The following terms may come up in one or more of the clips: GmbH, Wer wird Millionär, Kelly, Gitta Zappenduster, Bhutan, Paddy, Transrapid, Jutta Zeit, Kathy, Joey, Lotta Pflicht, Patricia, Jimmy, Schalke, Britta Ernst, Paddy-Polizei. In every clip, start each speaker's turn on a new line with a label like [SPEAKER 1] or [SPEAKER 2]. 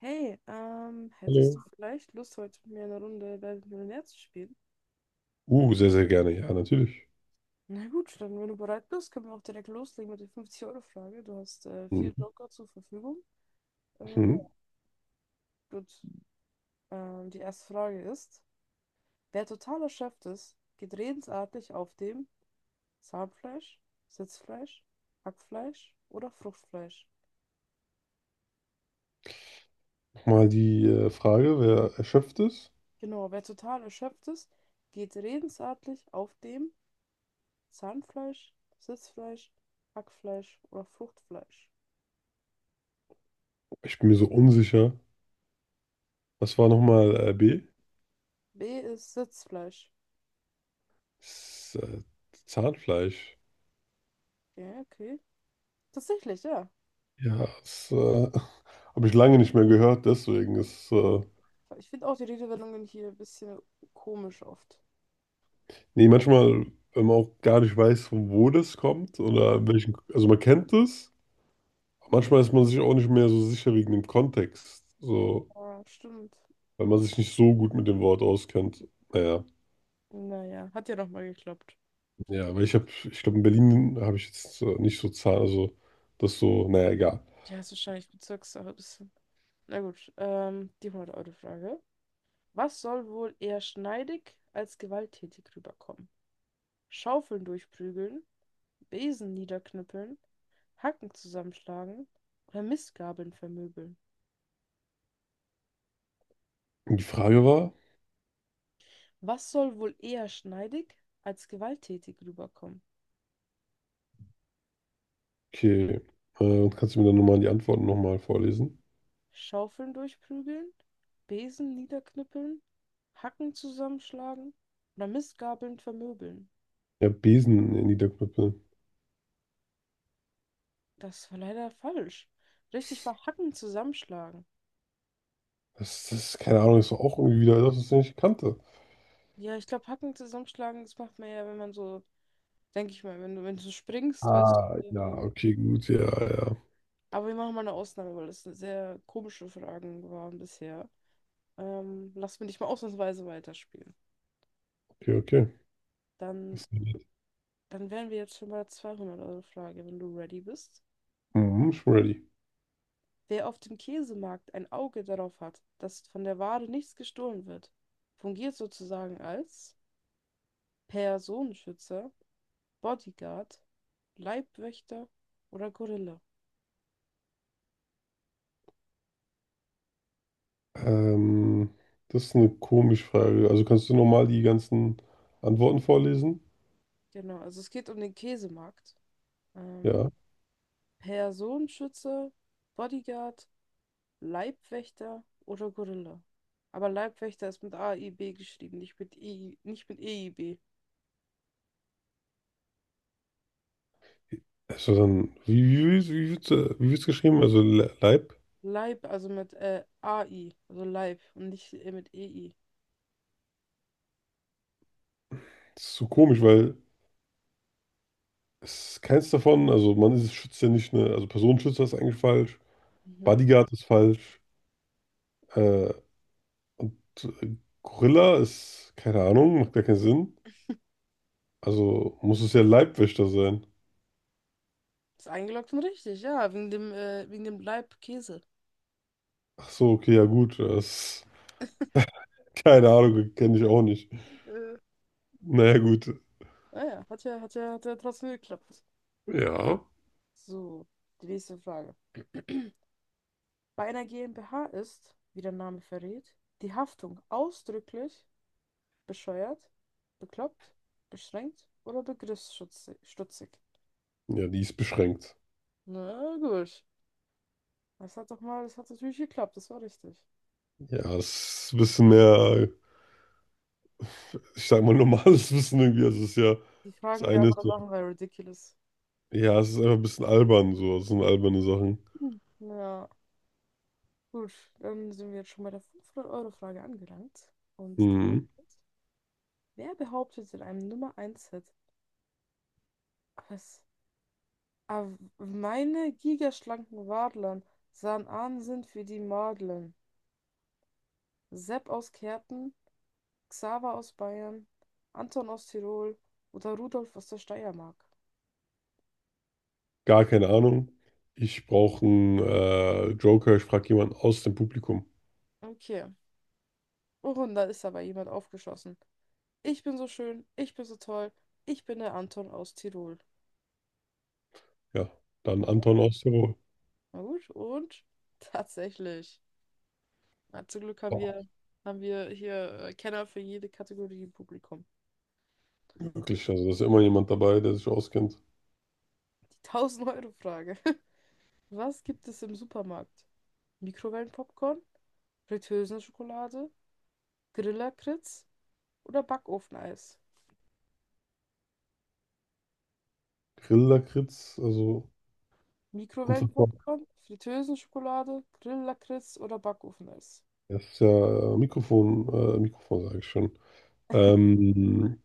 [SPEAKER 1] Hey, hättest du
[SPEAKER 2] Hallo.
[SPEAKER 1] vielleicht Lust, heute mit mir eine Runde Wer wird Millionär zu spielen?
[SPEAKER 2] Sehr, sehr gerne, ja, natürlich.
[SPEAKER 1] Na gut, dann, wenn du bereit bist, können wir auch direkt loslegen mit der 50-Euro-Frage. Du hast vier
[SPEAKER 2] Mhm.
[SPEAKER 1] Joker zur Verfügung. Ja,
[SPEAKER 2] Mhm.
[SPEAKER 1] gut, die erste Frage ist: Wer total erschöpft ist, geht redensartlich auf dem Zahnfleisch, Sitzfleisch, Hackfleisch oder Fruchtfleisch?
[SPEAKER 2] Mal die Frage, wer erschöpft ist?
[SPEAKER 1] Genau, wer total erschöpft ist, geht redensartlich auf dem Zahnfleisch, Sitzfleisch, Hackfleisch oder Fruchtfleisch.
[SPEAKER 2] Ich bin mir so unsicher. Was war nochmal B?
[SPEAKER 1] B ist Sitzfleisch.
[SPEAKER 2] S- äh, Zahnfleisch.
[SPEAKER 1] Ja, okay. Tatsächlich, ja.
[SPEAKER 2] Ja, das habe ich lange nicht mehr gehört, deswegen
[SPEAKER 1] Ja. Ich finde auch die Redewendungen hier ein bisschen komisch oft.
[SPEAKER 2] nee, manchmal, wenn man auch gar nicht weiß, von wo das kommt oder welchen, also man kennt es, aber manchmal ist man sich auch nicht mehr so sicher wegen dem Kontext, so,
[SPEAKER 1] Ja. Stimmt.
[SPEAKER 2] weil man sich nicht so gut mit dem Wort auskennt. Naja.
[SPEAKER 1] Naja, hat ja nochmal geklappt.
[SPEAKER 2] Ja, weil ich habe, ich glaube, in Berlin habe ich jetzt nicht so Zahlen, also das so, naja, egal.
[SPEAKER 1] Ja, ist wahrscheinlich Bezirkssache ein bisschen. Na gut, die 100-Euro-Frage. Was soll wohl eher schneidig als gewalttätig rüberkommen? Schaufeln durchprügeln, Besen niederknüppeln, Hacken zusammenschlagen oder Mistgabeln vermöbeln?
[SPEAKER 2] Und die Frage war,
[SPEAKER 1] Was soll wohl eher schneidig als gewalttätig rüberkommen?
[SPEAKER 2] okay, kannst du mir dann nochmal die Antworten nochmal vorlesen?
[SPEAKER 1] Schaufeln durchprügeln, Besen niederknüppeln, Hacken zusammenschlagen oder Mistgabeln vermöbeln.
[SPEAKER 2] Ja, Besen in Niederknüppel.
[SPEAKER 1] Das war leider falsch. Richtig war Hacken zusammenschlagen.
[SPEAKER 2] Das ist, keine Ahnung, ist doch auch irgendwie wieder das, was ich nicht kannte.
[SPEAKER 1] Ja, ich glaube, Hacken zusammenschlagen, das macht man ja, wenn man so, denke ich mal, wenn du springst, weißt du.
[SPEAKER 2] Ah,
[SPEAKER 1] Und
[SPEAKER 2] ja,
[SPEAKER 1] dann,
[SPEAKER 2] okay, gut, ja, ja.
[SPEAKER 1] aber wir machen mal eine Ausnahme, weil das eine sehr komische Fragen waren bisher. Lass mich nicht mal ausnahmsweise weiterspielen.
[SPEAKER 2] Okay, okay.
[SPEAKER 1] Dann,
[SPEAKER 2] Hast du ready?
[SPEAKER 1] dann wären wir jetzt schon bei der 200-Euro-Frage, wenn du ready bist.
[SPEAKER 2] Mhm, ich bin ready.
[SPEAKER 1] Wer auf dem Käsemarkt ein Auge darauf hat, dass von der Ware nichts gestohlen wird, fungiert sozusagen als Personenschützer, Bodyguard, Leibwächter oder Gorilla.
[SPEAKER 2] Ähm, das ist eine komische Frage. Also kannst du nochmal die ganzen Antworten vorlesen?
[SPEAKER 1] Genau, also es geht um den Käsemarkt. Ähm,
[SPEAKER 2] Ja.
[SPEAKER 1] Personenschützer, Bodyguard, Leibwächter oder Gorilla. Aber Leibwächter ist mit A I B geschrieben, nicht mit EI, nicht mit EIB.
[SPEAKER 2] Also dann, wie wird's, wie wird's geschrieben? Also Leib?
[SPEAKER 1] Leib, also mit A I, also Leib und nicht mit EI.
[SPEAKER 2] Das ist so komisch, weil es ist keins davon. Also man ist schützt ja nicht, ne? Also Personenschützer ist eigentlich falsch.
[SPEAKER 1] Mhm.
[SPEAKER 2] Bodyguard ist falsch. Äh, und äh, Gorilla ist, keine Ahnung, macht gar keinen Sinn. Also muss es ja Leibwächter sein.
[SPEAKER 1] Ist eingeloggt und richtig, ja, wegen dem Leib Käse.
[SPEAKER 2] Ach so, okay, ja gut. Das, keine Ahnung, kenne ich auch nicht.
[SPEAKER 1] Äh,
[SPEAKER 2] Naja, gut.
[SPEAKER 1] Naja, hat ja trotzdem geklappt.
[SPEAKER 2] Ja.
[SPEAKER 1] So, die nächste Frage. Bei einer GmbH ist, wie der Name verrät, die Haftung ausdrücklich bescheuert, bekloppt, beschränkt oder begriffsstutzig.
[SPEAKER 2] Ja, die ist beschränkt.
[SPEAKER 1] Na gut. Das hat doch mal, das hat natürlich geklappt, das war richtig.
[SPEAKER 2] Ja, es ist ein bisschen mehr, ich sag mal, normales Wissen irgendwie. Also es ist ja,
[SPEAKER 1] Die
[SPEAKER 2] das
[SPEAKER 1] fragen die
[SPEAKER 2] eine ist,
[SPEAKER 1] andere Sachen waren Ridiculous.
[SPEAKER 2] ja, es ist einfach ein bisschen albern so. Es sind alberne Sachen.
[SPEAKER 1] Hm. Ja, gut, dann sind wir jetzt schon bei der 500-Euro-Frage angelangt. Und die.
[SPEAKER 2] Mhm.
[SPEAKER 1] Wer behauptet in einem Nummer Eins hit was? Ah, meine gigaschlanken Wadlern sahen Ahnsinn für die Madlern. Sepp aus Kärnten, Xaver aus Bayern, Anton aus Tirol oder Rudolf aus der Steiermark.
[SPEAKER 2] Gar keine Ahnung. Ich brauche einen Joker. Ich frage jemanden aus dem Publikum.
[SPEAKER 1] Okay. Oh, und da ist aber jemand aufgeschossen. Ich bin so schön, ich bin so toll, ich bin der Anton aus Tirol.
[SPEAKER 2] Ja, dann
[SPEAKER 1] Mhm.
[SPEAKER 2] Anton aus Tirol.
[SPEAKER 1] Na gut, und tatsächlich. Na, zum Glück haben wir,
[SPEAKER 2] Boah,
[SPEAKER 1] haben wir hier Kenner für jede Kategorie im Publikum.
[SPEAKER 2] wirklich, also da ist ja immer jemand dabei, der sich auskennt.
[SPEAKER 1] 1000-Euro-Frage. Was gibt es im Supermarkt? Mikrowellenpopcorn, Fritteusen-Schokolade, Grillakritz oder Backofeneis?
[SPEAKER 2] Grillakritz, also unfassbar.
[SPEAKER 1] Mikrowellenpopcorn, Fritteusen-Schokolade, Grillakritz oder Backofeneis?
[SPEAKER 2] Das ist ja Mikrofon, Mikrofon sage ich schon. Ähm,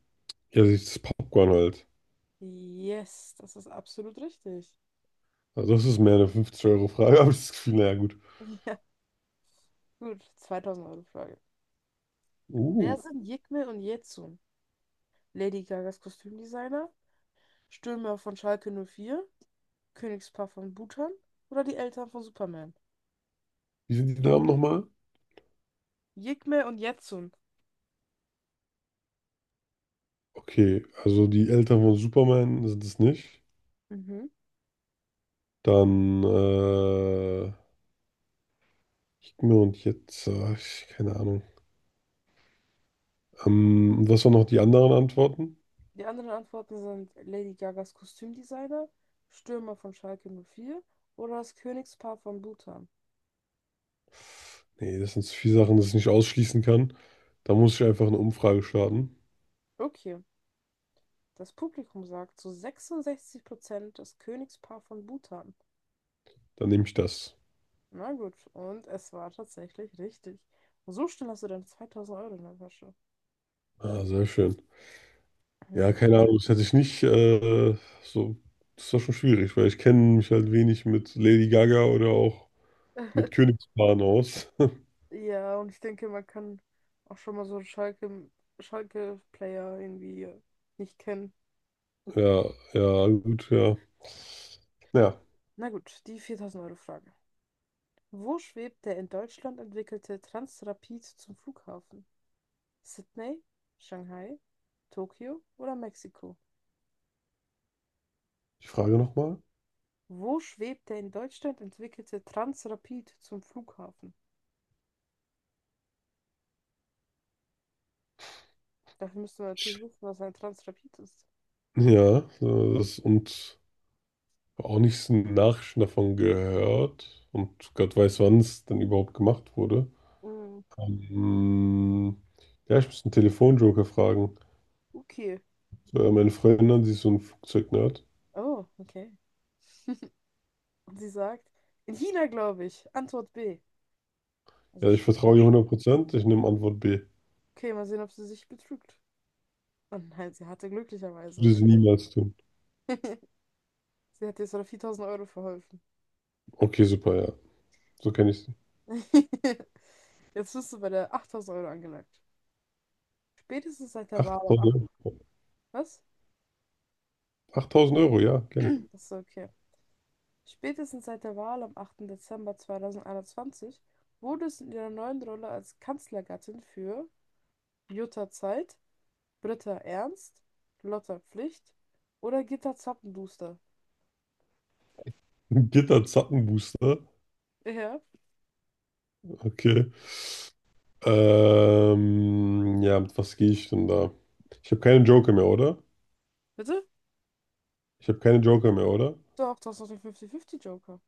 [SPEAKER 2] ja, das ist Popcorn halt.
[SPEAKER 1] Yes, das ist absolut richtig.
[SPEAKER 2] Also das ist mehr eine 50-Euro-Frage, aber das Gefühl, naja, gut.
[SPEAKER 1] Ja, gut. 2000-Euro-Frage.
[SPEAKER 2] Uh,
[SPEAKER 1] Wer sind Yigme und Yetsun? Lady Gagas Kostümdesigner, Stürmer von Schalke 04? Königspaar von Bhutan oder die Eltern von Superman?
[SPEAKER 2] Wie sind die Namen nochmal?
[SPEAKER 1] Yigme und Yetsun.
[SPEAKER 2] Okay, also die Eltern von Superman sind es nicht.
[SPEAKER 1] Mhm.
[SPEAKER 2] Dann, äh, Gib mir und jetzt, keine Ahnung. Und was waren noch die anderen Antworten?
[SPEAKER 1] Die anderen Antworten sind Lady Gagas Kostümdesigner, Stürmer von Schalke null vier oder das Königspaar von Bhutan.
[SPEAKER 2] Nee, das sind zu viele Sachen, das ich nicht ausschließen kann. Da muss ich einfach eine Umfrage starten.
[SPEAKER 1] Okay, das Publikum sagt zu 66% das Königspaar von Bhutan.
[SPEAKER 2] Dann nehme ich das.
[SPEAKER 1] Na gut, und es war tatsächlich richtig. Und so schnell hast du dann 2000 Euro in der Tasche.
[SPEAKER 2] Ah, sehr schön. Ja,
[SPEAKER 1] Hm.
[SPEAKER 2] keine Ahnung, das hätte ich nicht, so, das war schon schwierig, weil ich kenne mich halt wenig mit Lady Gaga oder auch mit Königspaaren aus.
[SPEAKER 1] Ja, und ich denke, man kann auch schon mal so einen Schalke-Player irgendwie nicht kennen.
[SPEAKER 2] Ja, ja, gut, ja. Ja.
[SPEAKER 1] Na gut, die 4000 Euro Frage. Wo schwebt der in Deutschland entwickelte Transrapid zum Flughafen? Sydney, Shanghai, Tokio oder Mexiko?
[SPEAKER 2] Die Frage nochmal?
[SPEAKER 1] Wo schwebt der in Deutschland entwickelte Transrapid zum Flughafen? Dafür müssen wir natürlich wissen, was ein Transrapid ist.
[SPEAKER 2] Ja, das, und auch nichts Nachrichten davon gehört. Und Gott weiß, wann es denn überhaupt gemacht wurde.
[SPEAKER 1] Mm,
[SPEAKER 2] Ähm, ja, ich muss einen Telefonjoker fragen.
[SPEAKER 1] okay.
[SPEAKER 2] So, ja, meine Freundin, an, sie ist so ein Flugzeugnerd.
[SPEAKER 1] Oh, okay. Und sie sagt, in China, glaube ich. Antwort B. Also,
[SPEAKER 2] Ja, ich
[SPEAKER 1] schade.
[SPEAKER 2] vertraue ihr 100%. Ich nehme Antwort B.
[SPEAKER 1] Okay, mal sehen, ob sie sich betrügt. Und nein, sie hatte glücklicherweise
[SPEAKER 2] Würde sie
[SPEAKER 1] recht.
[SPEAKER 2] niemals tun.
[SPEAKER 1] Sie hat jetzt noch 4000 Euro verholfen.
[SPEAKER 2] Okay, super, ja. So kenne ich sie.
[SPEAKER 1] Jetzt bist du bei der 8000 Euro angelangt. Spätestens seit der Wahl am 8.
[SPEAKER 2] 8000 Euro.
[SPEAKER 1] Was?
[SPEAKER 2] 8000 Euro, ja, gerne.
[SPEAKER 1] Achso, okay. Spätestens seit der Wahl am 8. Dezember 2021 wurde es in ihrer neuen Rolle als Kanzlergattin für Jutta Zeit, Britta Ernst, Lotta Pflicht oder Gitta Zappenduster.
[SPEAKER 2] Gitter Zappenbooster.
[SPEAKER 1] Ja.
[SPEAKER 2] Okay. Ja, mit was gehe ich denn da? Ich habe keine Joker mehr, oder?
[SPEAKER 1] Bitte?
[SPEAKER 2] Ich habe keine Joker mehr, oder?
[SPEAKER 1] Doch, das ist doch der 50-50-Joker.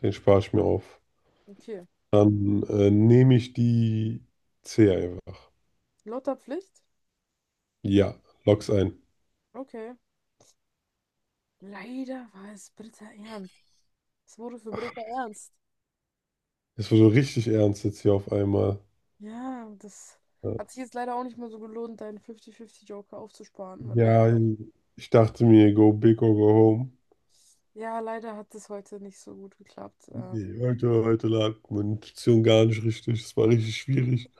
[SPEAKER 2] Den spare ich mir auf.
[SPEAKER 1] Okay.
[SPEAKER 2] Dann nehme ich die C einfach.
[SPEAKER 1] Lotta Pflicht?
[SPEAKER 2] Ja, log's ein.
[SPEAKER 1] Okay. Leider war es Britta Ernst. Es wurde für Britta Ernst.
[SPEAKER 2] Das war so richtig ernst jetzt hier auf einmal.
[SPEAKER 1] Ja, das
[SPEAKER 2] Ja,
[SPEAKER 1] hat sich jetzt leider auch nicht mehr so gelohnt, deinen 50-50-Joker aufzusparen. Weil leid
[SPEAKER 2] ja, ich dachte mir, go big or go home.
[SPEAKER 1] ja, leider hat es heute nicht so gut geklappt.
[SPEAKER 2] Nee, heute lag meine Intuition gar nicht richtig. Es war richtig schwierig.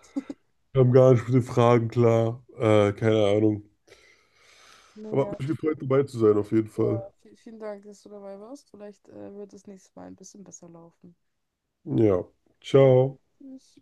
[SPEAKER 2] Wir haben gar nicht mit den Fragen klar. Keine Ahnung. Aber
[SPEAKER 1] Naja,
[SPEAKER 2] hat mich gefreut, dabei zu sein, auf jeden Fall.
[SPEAKER 1] ja, vielen Dank, dass du dabei warst. Vielleicht wird es nächstes Mal ein bisschen besser laufen.
[SPEAKER 2] Ja,
[SPEAKER 1] Ja.
[SPEAKER 2] ciao.
[SPEAKER 1] Tschüss.